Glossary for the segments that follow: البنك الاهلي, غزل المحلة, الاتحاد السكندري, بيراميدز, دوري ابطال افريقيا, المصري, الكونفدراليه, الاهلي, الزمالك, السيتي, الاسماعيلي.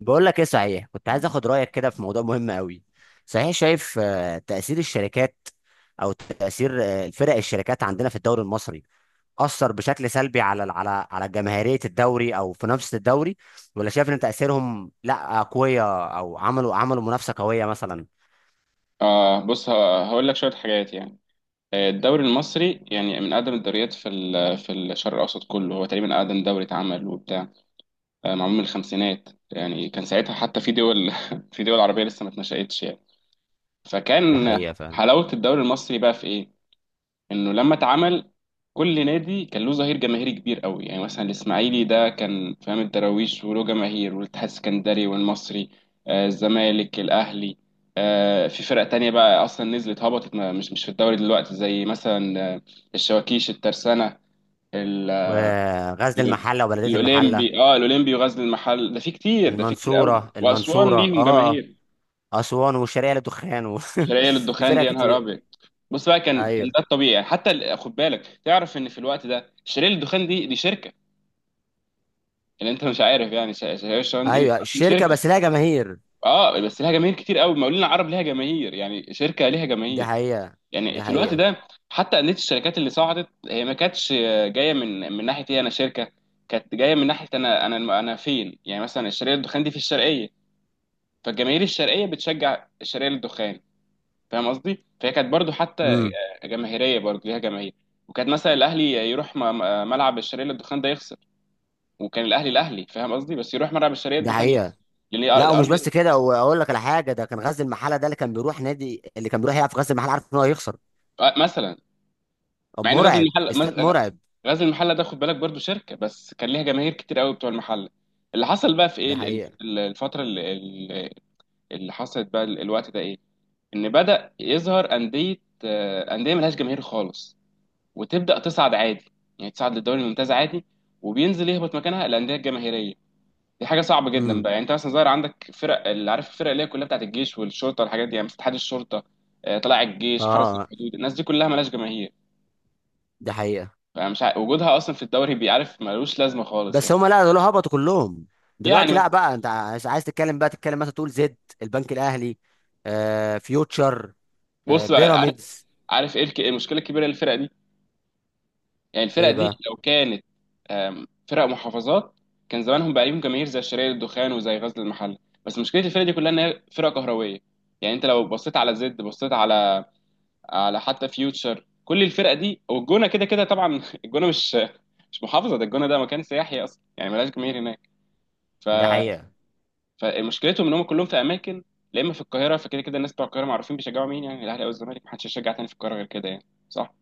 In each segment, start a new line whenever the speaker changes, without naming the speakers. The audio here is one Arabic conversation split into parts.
بقول لك ايه، صحيح كنت عايز اخد رايك كده في موضوع مهم قوي. صحيح شايف تاثير الشركات، او تاثير فرق الشركات عندنا في الدوري المصري اثر بشكل سلبي على جماهيريه الدوري او منافسه الدوري، ولا شايف ان تاثيرهم لا، قويه، او عملوا منافسه قويه مثلا؟
بص هقول لك شوية حاجات يعني. الدوري المصري يعني من أقدم الدوريات في الشرق الأوسط كله، هو تقريبا أقدم دوري اتعمل وبتاع. معمول من الخمسينات، يعني كان ساعتها حتى في دول في دول عربية لسه ما اتنشأتش يعني.
ده
فكان
حقيقة فعلا.
حلاوة الدوري المصري بقى في إيه؟ انه لما اتعمل كل نادي كان له ظهير جماهيري كبير قوي، يعني مثلا الاسماعيلي ده كان فاهم الدراويش وله جماهير، والاتحاد السكندري والمصري، الزمالك، الاهلي. في فرق تانية بقى اصلا نزلت هبطت، مش في الدوري دلوقتي، زي مثلا الشواكيش، الترسانة، ال-
وغزل
ال-
المحله وبلديه المحله.
الاولمبي وغزل المحل، ده في كتير قوي،
المنصوره
واسوان
المنصوره،
ليهم
اه.
جماهير.
اسوان والشرقيه للدخان و.
شرقية
في
للدخان
فرق
دي يا نهار
كتير.
ابيض. بص بقى، كان
ايوه.
ده الطبيعي يعني، حتى خد بالك، تعرف ان في الوقت ده شرقية للدخان دي شركة، اللي انت مش عارف يعني. شرقية للدخان دي
ايوه،
اصلا
الشركه
شركة.
بس لها جماهير.
اه، بس لها جماهير كتير قوي. المقاولين العرب لها جماهير، يعني شركة لها
دي
جماهير.
حقيقة.
يعني
دي
في الوقت
حقيقة.
ده حتى اندية الشركات اللي صعدت، هي ما كانتش جاية من ناحية ايه، انا شركة. كانت جاية من ناحية انا فين، يعني مثلا الشرقية للدخان دي في الشرقية، فالجماهير الشرقية بتشجع الشرقية للدخان. فاهم قصدي؟ فهي كانت برضو حتى
امم.
جماهيريه، برضو ليها جماهير. وكانت مثلا الاهلي يروح ملعب الشرقيه للدخان ده يخسر. وكان الاهلي فاهم قصدي، بس يروح ملعب الشرقيه
دي
للدخان يخسر،
حقيقة.
لان هي
لا، ومش
ارض.
بس كده، واقول لك على حاجة. ده كان غزل المحلة ده، اللي كان بيروح نادي، اللي كان بيروح يلعب في غزل المحلة عارف ان هو هيخسر.
مثلا،
طب
مع ان غزل
مرعب،
المحله
استاد مرعب.
غزل المحله ده خد بالك برضو شركه، بس كان ليها جماهير كتير قوي بتوع المحله. اللي حصل بقى في ايه،
ده حقيقة.
الفتره اللي حصلت بقى الوقت ده ايه، ان بدأ يظهر انديه، انديه ملهاش جماهير خالص وتبدا تصعد عادي، يعني تصعد للدوري الممتاز عادي، وبينزل يهبط مكانها الانديه الجماهيريه. دي حاجه صعبه جدا
امم.
بقى، يعني انت مثلا ظاهر عندك فرق، اللي عارف الفرق اللي هي كلها بتاعت الجيش والشرطه والحاجات دي، يعني مثلا اتحاد الشرطه، طلائع الجيش، حرس
اه.
الحدود، الناس دي كلها مالهاش جماهير.
ده حقيقة.
فمش وجودها اصلا في الدوري بيعرف ملوش لازمه خالص
بس
يعني.
هما لا، دول هبطوا كلهم.
يعني
دلوقتي لا،
بس،
بقى انت عايز تتكلم، بقى تتكلم مثلا تقول زد، البنك الاهلي، فيوتشر،
بص بقى، عارف
بيراميدز.
عارف ايه المشكله الكبيره للفرق دي؟ يعني الفرقة
ايه
دي
بقى؟
لو كانت فرق محافظات، كان زمانهم بقى ليهم جماهير زي شرقية الدخان وزي غزل المحلة. بس مشكلة الفرقة دي كلها إن هي فرقة كهروية، يعني أنت لو بصيت على زد، بصيت على، على حتى فيوتشر، كل الفرقة دي والجونة، كده كده طبعا الجونة مش محافظة، ده الجونة ده مكان سياحي أصلا، يعني ملهاش جماهير هناك. ف...
ده حقيقة.
فمشكلتهم إن هم كلهم في أماكن، لا إما في القاهرة، فكده كده الناس بتوع القاهرة معروفين بيشجعوا مين، يعني الأهلي أو الزمالك، محدش يشجع تاني في القاهرة غير كده يعني صح؟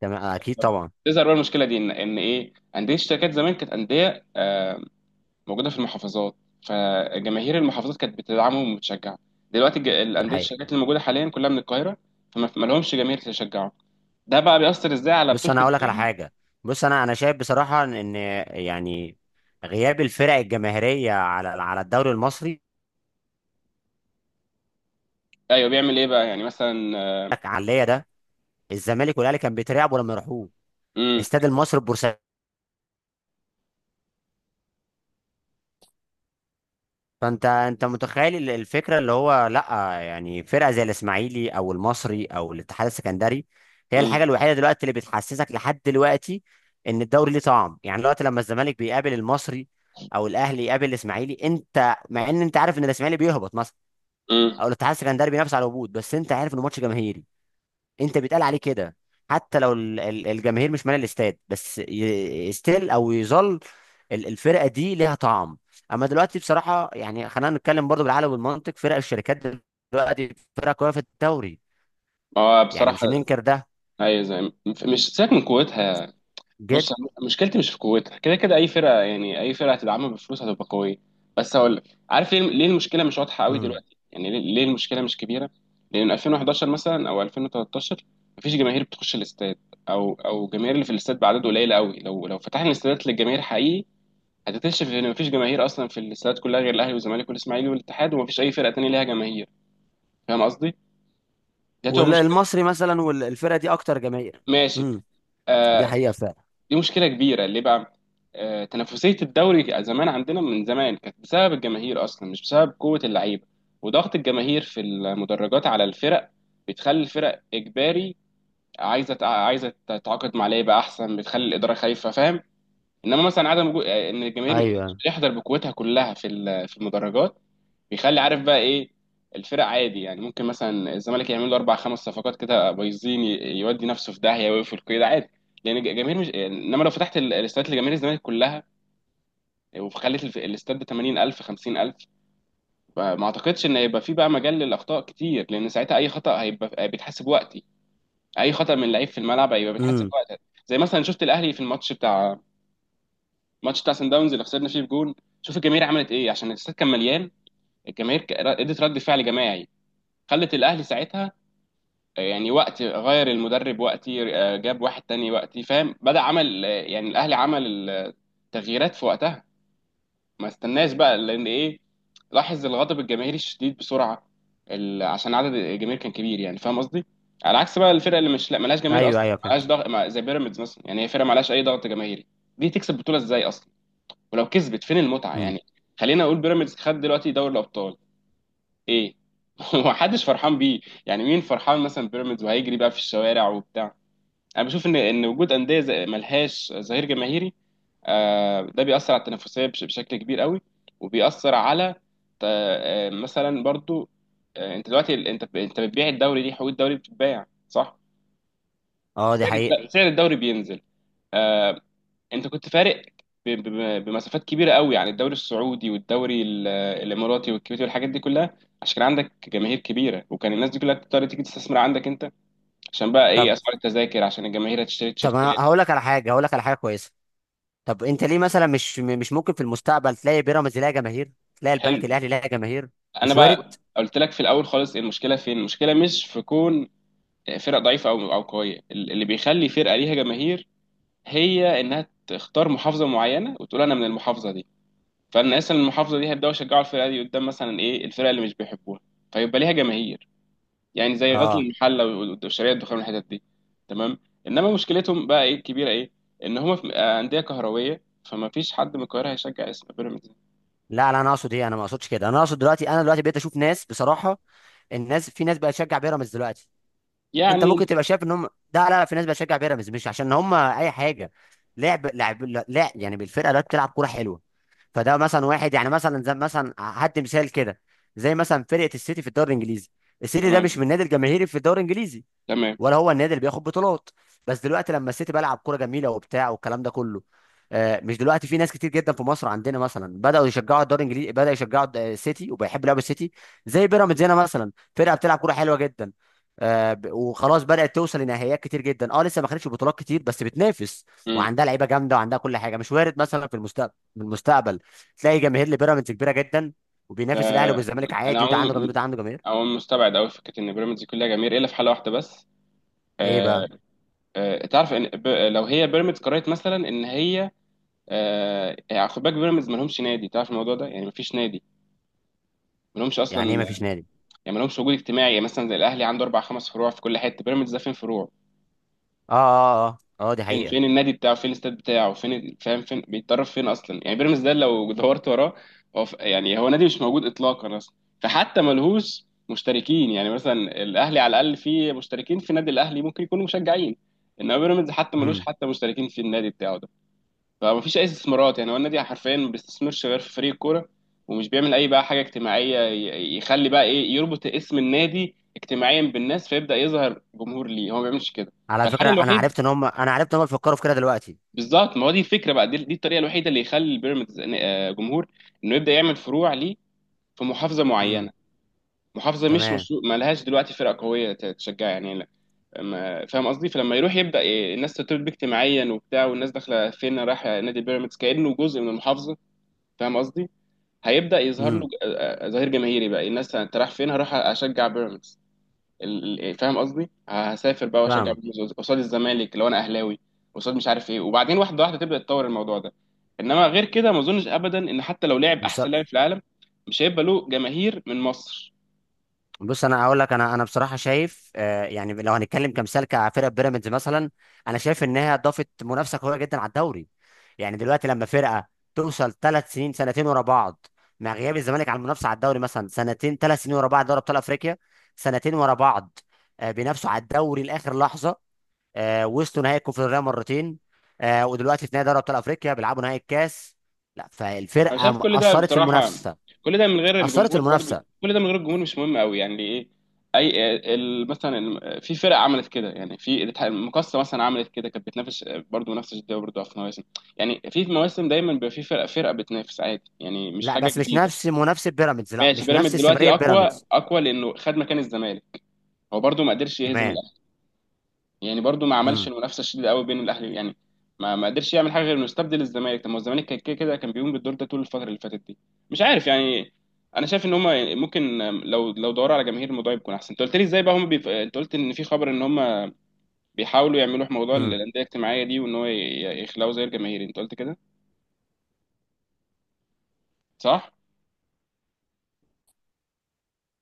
تمام، اكيد طبعا.
تظهر بقى المشكله دي، ان ايه، انديه الشركات زمان كانت انديه، موجوده في المحافظات، فجماهير المحافظات كانت بتدعمهم وبتشجعهم. دلوقتي
ده
الانديه
حقيقة.
الشركات اللي موجوده حاليا كلها من القاهره، فما ما لهمش جماهير تشجعهم. ده بقى بيأثر ازاي على
بص،
بطوله
انا هقول لك على
الدوري؟
حاجه. بص، انا شايف بصراحه ان، يعني، غياب الفرق الجماهيريه على الدوري المصري
ايوه، بيعمل ايه بقى يعني مثلا.
عليا ده. الزمالك والاهلي كان بيترعبوا لما يروحوه
امم
استاد المصري البورسعيدي. فانت، انت متخيل الفكره اللي هو لا، يعني فرقه زي الاسماعيلي او المصري او الاتحاد السكندري هي الحاجه
امم
الوحيده دلوقتي اللي بتحسسك لحد دلوقتي ان الدوري ليه طعم. يعني دلوقتي لما الزمالك بيقابل المصري، او الاهلي يقابل الاسماعيلي، انت مع ان انت عارف ان الاسماعيلي بيهبط مثلا،
امم
او الاتحاد السكندري بينافس على الهبوط، بس انت عارف انه ماتش جماهيري. انت بيتقال عليه كده. حتى لو الجماهير مش مالي الاستاد، بس ستيل او يظل الفرقه دي ليها طعم. اما دلوقتي بصراحه، يعني خلينا نتكلم برضو بالعقل والمنطق، فرق الشركات دلوقتي فرقه قويه في الدوري.
هو
يعني مش
بصراحه،
هننكر ده.
ايوه زي، مش سيبك من قوتها.
جد.
بص، أنا مشكلتي مش في قوتها، كده كده اي فرقه، يعني اي فرقه هتدعمها بفلوس هتبقى قويه. بس هقول لك، عارف ليه المشكله مش واضحه قوي
امم.
دلوقتي، يعني ليه المشكله مش كبيره؟ لان 2011 مثلا او 2013 مفيش جماهير بتخش الاستاد، او الجماهير اللي في الاستاد بعدد قليل قوي. لو فتحنا الاستادات للجماهير حقيقي، هتكتشف ان مفيش جماهير اصلا في الاستادات كلها غير الاهلي والزمالك والاسماعيلي والاتحاد، ومفيش اي فرقه تانيه ليها جماهير. فاهم قصدي؟ دي هتبقى مشكله.
والمصري مثلا، والفرقه دي اكتر جماهير.
ماشي.
امم. دي
آه،
حقيقه فعلا.
دي مشكله كبيره ليه بقى؟ تنافسيه الدوري زمان عندنا من زمان كانت بسبب الجماهير اصلا، مش بسبب قوه اللعيبه، وضغط الجماهير في المدرجات على الفرق بتخلي الفرق اجباري عايزه عايزه تتعاقد مع لعيبه احسن، بتخلي الاداره خايفه، فاهم؟ انما مثلا عدم وجود ان الجماهير
ايوه.
يحضر بقوتها كلها في المدرجات، بيخلي عارف بقى ايه، الفرق عادي. يعني ممكن مثلا الزمالك يعمل له اربع خمس صفقات كده بايظين، يودي نفسه في داهيه ويقفل كده عادي، لان الجماهير مش. انما لو فتحت الاستاد لجماهير الزمالك كلها، وخليت الاستاد ب 80000، 50000، ما اعتقدش ان هيبقى في بقى مجال للاخطاء كتير، لان ساعتها اي خطا هيبقى بيتحسب وقتي، اي خطا من لعيب في الملعب هيبقى بيتحسب
امم.
وقتها. زي مثلا شفت الاهلي في الماتش بتاع سان داونز اللي خسرنا فيه بجون. شوف الجماهير عملت ايه، عشان الاستاد كان مليان. الجماهير ادت رد فعل جماعي، خلت الاهلي ساعتها، يعني وقت غير المدرب وقتي، جاب واحد تاني وقتي، فاهم، بدأ عمل، يعني الاهلي عمل التغييرات في وقتها، ما استناش بقى، لان ايه، لاحظ الغضب الجماهيري الشديد بسرعه، عشان عدد الجماهير كان كبير، يعني فاهم قصدي. على عكس بقى الفرق اللي مش، لا، ملهاش جماهير
ايوه،
اصلا،
ايوه، فعلا.
ملهاش ضغط، زي بيراميدز مثلا، يعني هي فرقه ملهاش اي ضغط جماهيري. دي تكسب بطوله ازاي اصلا؟ ولو كسبت فين المتعه
امم.
يعني؟ خلينا اقول بيراميدز خد دلوقتي دوري الابطال، ايه هو محدش فرحان بيه. يعني مين فرحان مثلا بيراميدز وهيجري بقى في الشوارع وبتاع؟ انا بشوف ان وجود انديه زي، ملهاش ظهير جماهيري، ده بيأثر على التنافسيه، بشكل كبير قوي، وبيأثر على، مثلا برضو، انت دلوقتي، انت بتبيع الدوري، دي حقوق الدوري بتتباع صح.
اه، دي
سعر
حقيقه.
الد- سعر الدوري بينزل. آه، انت كنت فارق بمسافات كبيره قوي يعني، الدوري السعودي والدوري الاماراتي والكويتي والحاجات دي كلها، عشان كان عندك جماهير كبيره، وكان الناس دي كلها بتضطر تيجي تستثمر عندك انت، عشان بقى ايه،
طب،
اسعار التذاكر، عشان الجماهير هتشتري
طب،
تيشيرتات.
انا هقول لك على حاجه، هقول لك على حاجه كويسه. طب انت ليه مثلا مش مش ممكن في المستقبل تلاقي بيراميدز لها جماهير، تلاقي
حلو.
البنك الاهلي لها جماهير؟
انا
مش وارد؟
بقى قلت لك في الاول خالص، المشكله فين، المشكله مش في كون فرق ضعيفه او او قويه، اللي بيخلي فرقه ليها جماهير هي انها تختار محافظه معينه وتقول انا من المحافظه دي، فالناس من المحافظه دي هيبداوا يشجعوا الفرقه دي قدام مثلا ايه، الفرقه اللي مش بيحبوها، فيبقى ليها جماهير. يعني زي غزل
اه.
المحله والشرقيه الدخان والحتت دي. تمام. انما مشكلتهم بقى ايه الكبيره ايه، ان هم في، انديه كهرويه، فما فيش حد من القاهره هيشجع اسم بيراميدز.
لا، لا، انا اقصد ايه؟ انا ما اقصدش كده، انا اقصد دلوقتي انا دلوقتي بقيت اشوف ناس بصراحه. في ناس بقت تشجع بيراميدز دلوقتي. انت
يعني.
ممكن تبقى شايف ان هم. ده لا، لا، في ناس بقت تشجع بيراميدز مش عشان هم اي حاجه. لعب، لا، يعني بالفرقه دلوقتي بتلعب كوره حلوه. فده مثلا واحد، يعني مثلا زي مثلا هدي مثال كده. زي مثلا فرقه السيتي في الدوري الانجليزي، السيتي ده مش من
تمام.
النادي الجماهيري في الدوري الانجليزي،
تمام.
ولا هو النادي اللي بياخد بطولات، بس دلوقتي لما السيتي بلعب كوره جميله وبتاع والكلام ده كله، مش دلوقتي في ناس كتير جدا في مصر عندنا مثلا بداوا يشجعوا الدوري الانجليزي، بدا يشجعوا السيتي، وبيحب لعب السيتي. زي بيراميدز هنا مثلا، فرقه بتلعب كوره حلوه جدا، وخلاص بدات توصل لنهائيات كتير جدا، لسه ما خدتش بطولات كتير بس بتنافس،
امم.
وعندها لعيبه جامده وعندها كل حاجه. مش وارد مثلا في المستقبل؟ في المستقبل تلاقي جماهير لبيراميدز كبيره جدا، وبينافس الاهلي والزمالك
انا
عادي، وده عنده جماهير
عموما،
وده عنده جماهير.
عموما مستبعد قوي فكره ان بيراميدز كلها جماهير، الا في حاله واحده بس.
ايه
آه،
بقى؟
تعرف ان، لو هي بيراميدز قررت مثلا ان هي، يعني خد بالك، بيراميدز ما لهمش نادي، تعرف الموضوع ده، يعني ما فيش نادي، ما لهمش اصلا.
يعني ايه ما فيش نادي؟
يعني ما لهمش وجود اجتماعي، يعني مثلا زي الاهلي عنده اربع خمس فروع في كل حته، بيراميدز ده فين فروع؟
اه، اه، اه، اه، دي
فين،
حقيقة.
فين النادي بتاعه، فين الاستاد بتاعه، فين فاهم، فين بيتدرب، فين اصلا، يعني بيراميدز ده لو دورت وراه، هو يعني هو نادي مش موجود اطلاقا اصلا. فحتى ملهوش مشتركين يعني مثلا، الاهلي على الاقل فيه مشتركين في نادي الاهلي ممكن يكونوا مشجعين، انما بيراميدز حتى ملوش
امم.
حتى مشتركين في النادي بتاعه ده، فمفيش اي استثمارات، يعني هو النادي حرفيا ما بيستثمرش غير في فريق الكوره، ومش بيعمل اي بقى حاجه اجتماعيه، يخلي بقى ايه، يربط اسم النادي اجتماعيا بالناس، فيبدا يظهر جمهور ليه. هو ما بيعملش كده.
على فكرة،
فالحل
انا
الوحيد،
عرفت ان هم انا عرفت ان هم بيفكروا في كده دلوقتي.
بالظبط، ما هو دي الفكره بقى، دي الطريقه الوحيده اللي يخلي البيراميدز جمهور، انه يبدا يعمل فروع ليه في محافظه
امم.
معينه، محافظه مش
تمام.
مشروع، ما لهاش دلوقتي فرقه قويه تشجع يعني لا. فاهم قصدي؟ فلما يروح يبدا إيه، الناس ترتبط بيه اجتماعيا وبتاع، والناس داخله فين، رايحه نادي بيراميدز، كانه جزء من المحافظه، فاهم قصدي؟ هيبدأ يظهر له،
امم.
ظهير جماهيري بقى، الناس انت رايح فين، هروح اشجع بيراميدز. يعني فاهم قصدي، هسافر بقى واشجع
فاهمك.
بيراميدز قصاد الزمالك لو انا اهلاوي، قصاد مش عارف ايه، وبعدين واحده واحده تبدأ تطور الموضوع ده. انما غير كده، ما اظنش ابدا ان حتى لو لعب
بص،
احسن لاعب في العالم، مش هيبقى له جماهير من مصر.
بص، انا اقول لك، انا بصراحة شايف، يعني لو هنتكلم كمثال كفرقة بيراميدز مثلا، انا شايف انها ضافت منافسة قوية جدا على الدوري. يعني دلوقتي لما فرقة توصل 3 سنين، سنتين ورا بعض، مع غياب الزمالك عن المنافسة على الدوري مثلا سنتين 3 سنين ورا بعض دوري ابطال افريقيا، سنتين ورا بعض، بينافسوا على الدوري لاخر لحظة، وصلوا نهائي الكونفدراليه مرتين، ودلوقتي في نهائي دوري ابطال افريقيا بيلعبوا نهائي الكاس. لا،
انا
فالفرقه
شايف كل ده
اثرت في
بصراحه،
المنافسه،
كل ده من غير
اثرت في
الجمهور برضو،
المنافسه.
كل ده من غير الجمهور مش مهم قوي، يعني ايه، اي مثلا في فرق عملت كده، يعني في المقصه مثلا عملت كده، كانت بتنافس برضو نفس الجديه، برضو في مواسم، يعني في مواسم دايما بيبقى في فرق، فرقه بتنافس عادي يعني، مش
لا،
حاجه
بس مش
جديده.
نفس منافسه بيراميدز، لا،
ماشي،
مش بنفس
بيراميدز دلوقتي
استمراريه
اقوى
بيراميدز.
اقوى لانه خد مكان الزمالك. هو برضو ما قدرش يهزم،
تمام.
يعني برضو ما عملش
امم.
المنافسه الشديده قوي بين الاهلي يعني، ما قدرش يعمل حاجه غير انه يستبدل الزمالك. طب ما هو الزمالك كان كده كده كان بيقوم بالدور ده طول الفتره اللي فاتت دي. مش عارف يعني. انا شايف ان هم ممكن، لو دوروا على جماهير الموضوع يكون احسن. انت قلت لي ازاي بقى هم انت قلت ان في خبر ان هم بيحاولوا يعملوا موضوع
امم.
الانديه الاجتماعيه دي، وان هو يخلقوا زي الجماهير، انت قلت كده صح؟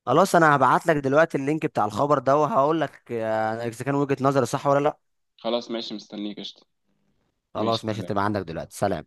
خلاص، انا هبعت لك دلوقتي اللينك بتاع الخبر ده، وهقول لك اذا كان وجهه نظري صح ولا لا.
خلاص، ماشي، مستنيك، قشطه.
خلاص،
ماشي.
ماشي، هتبقى عندك دلوقتي. سلام.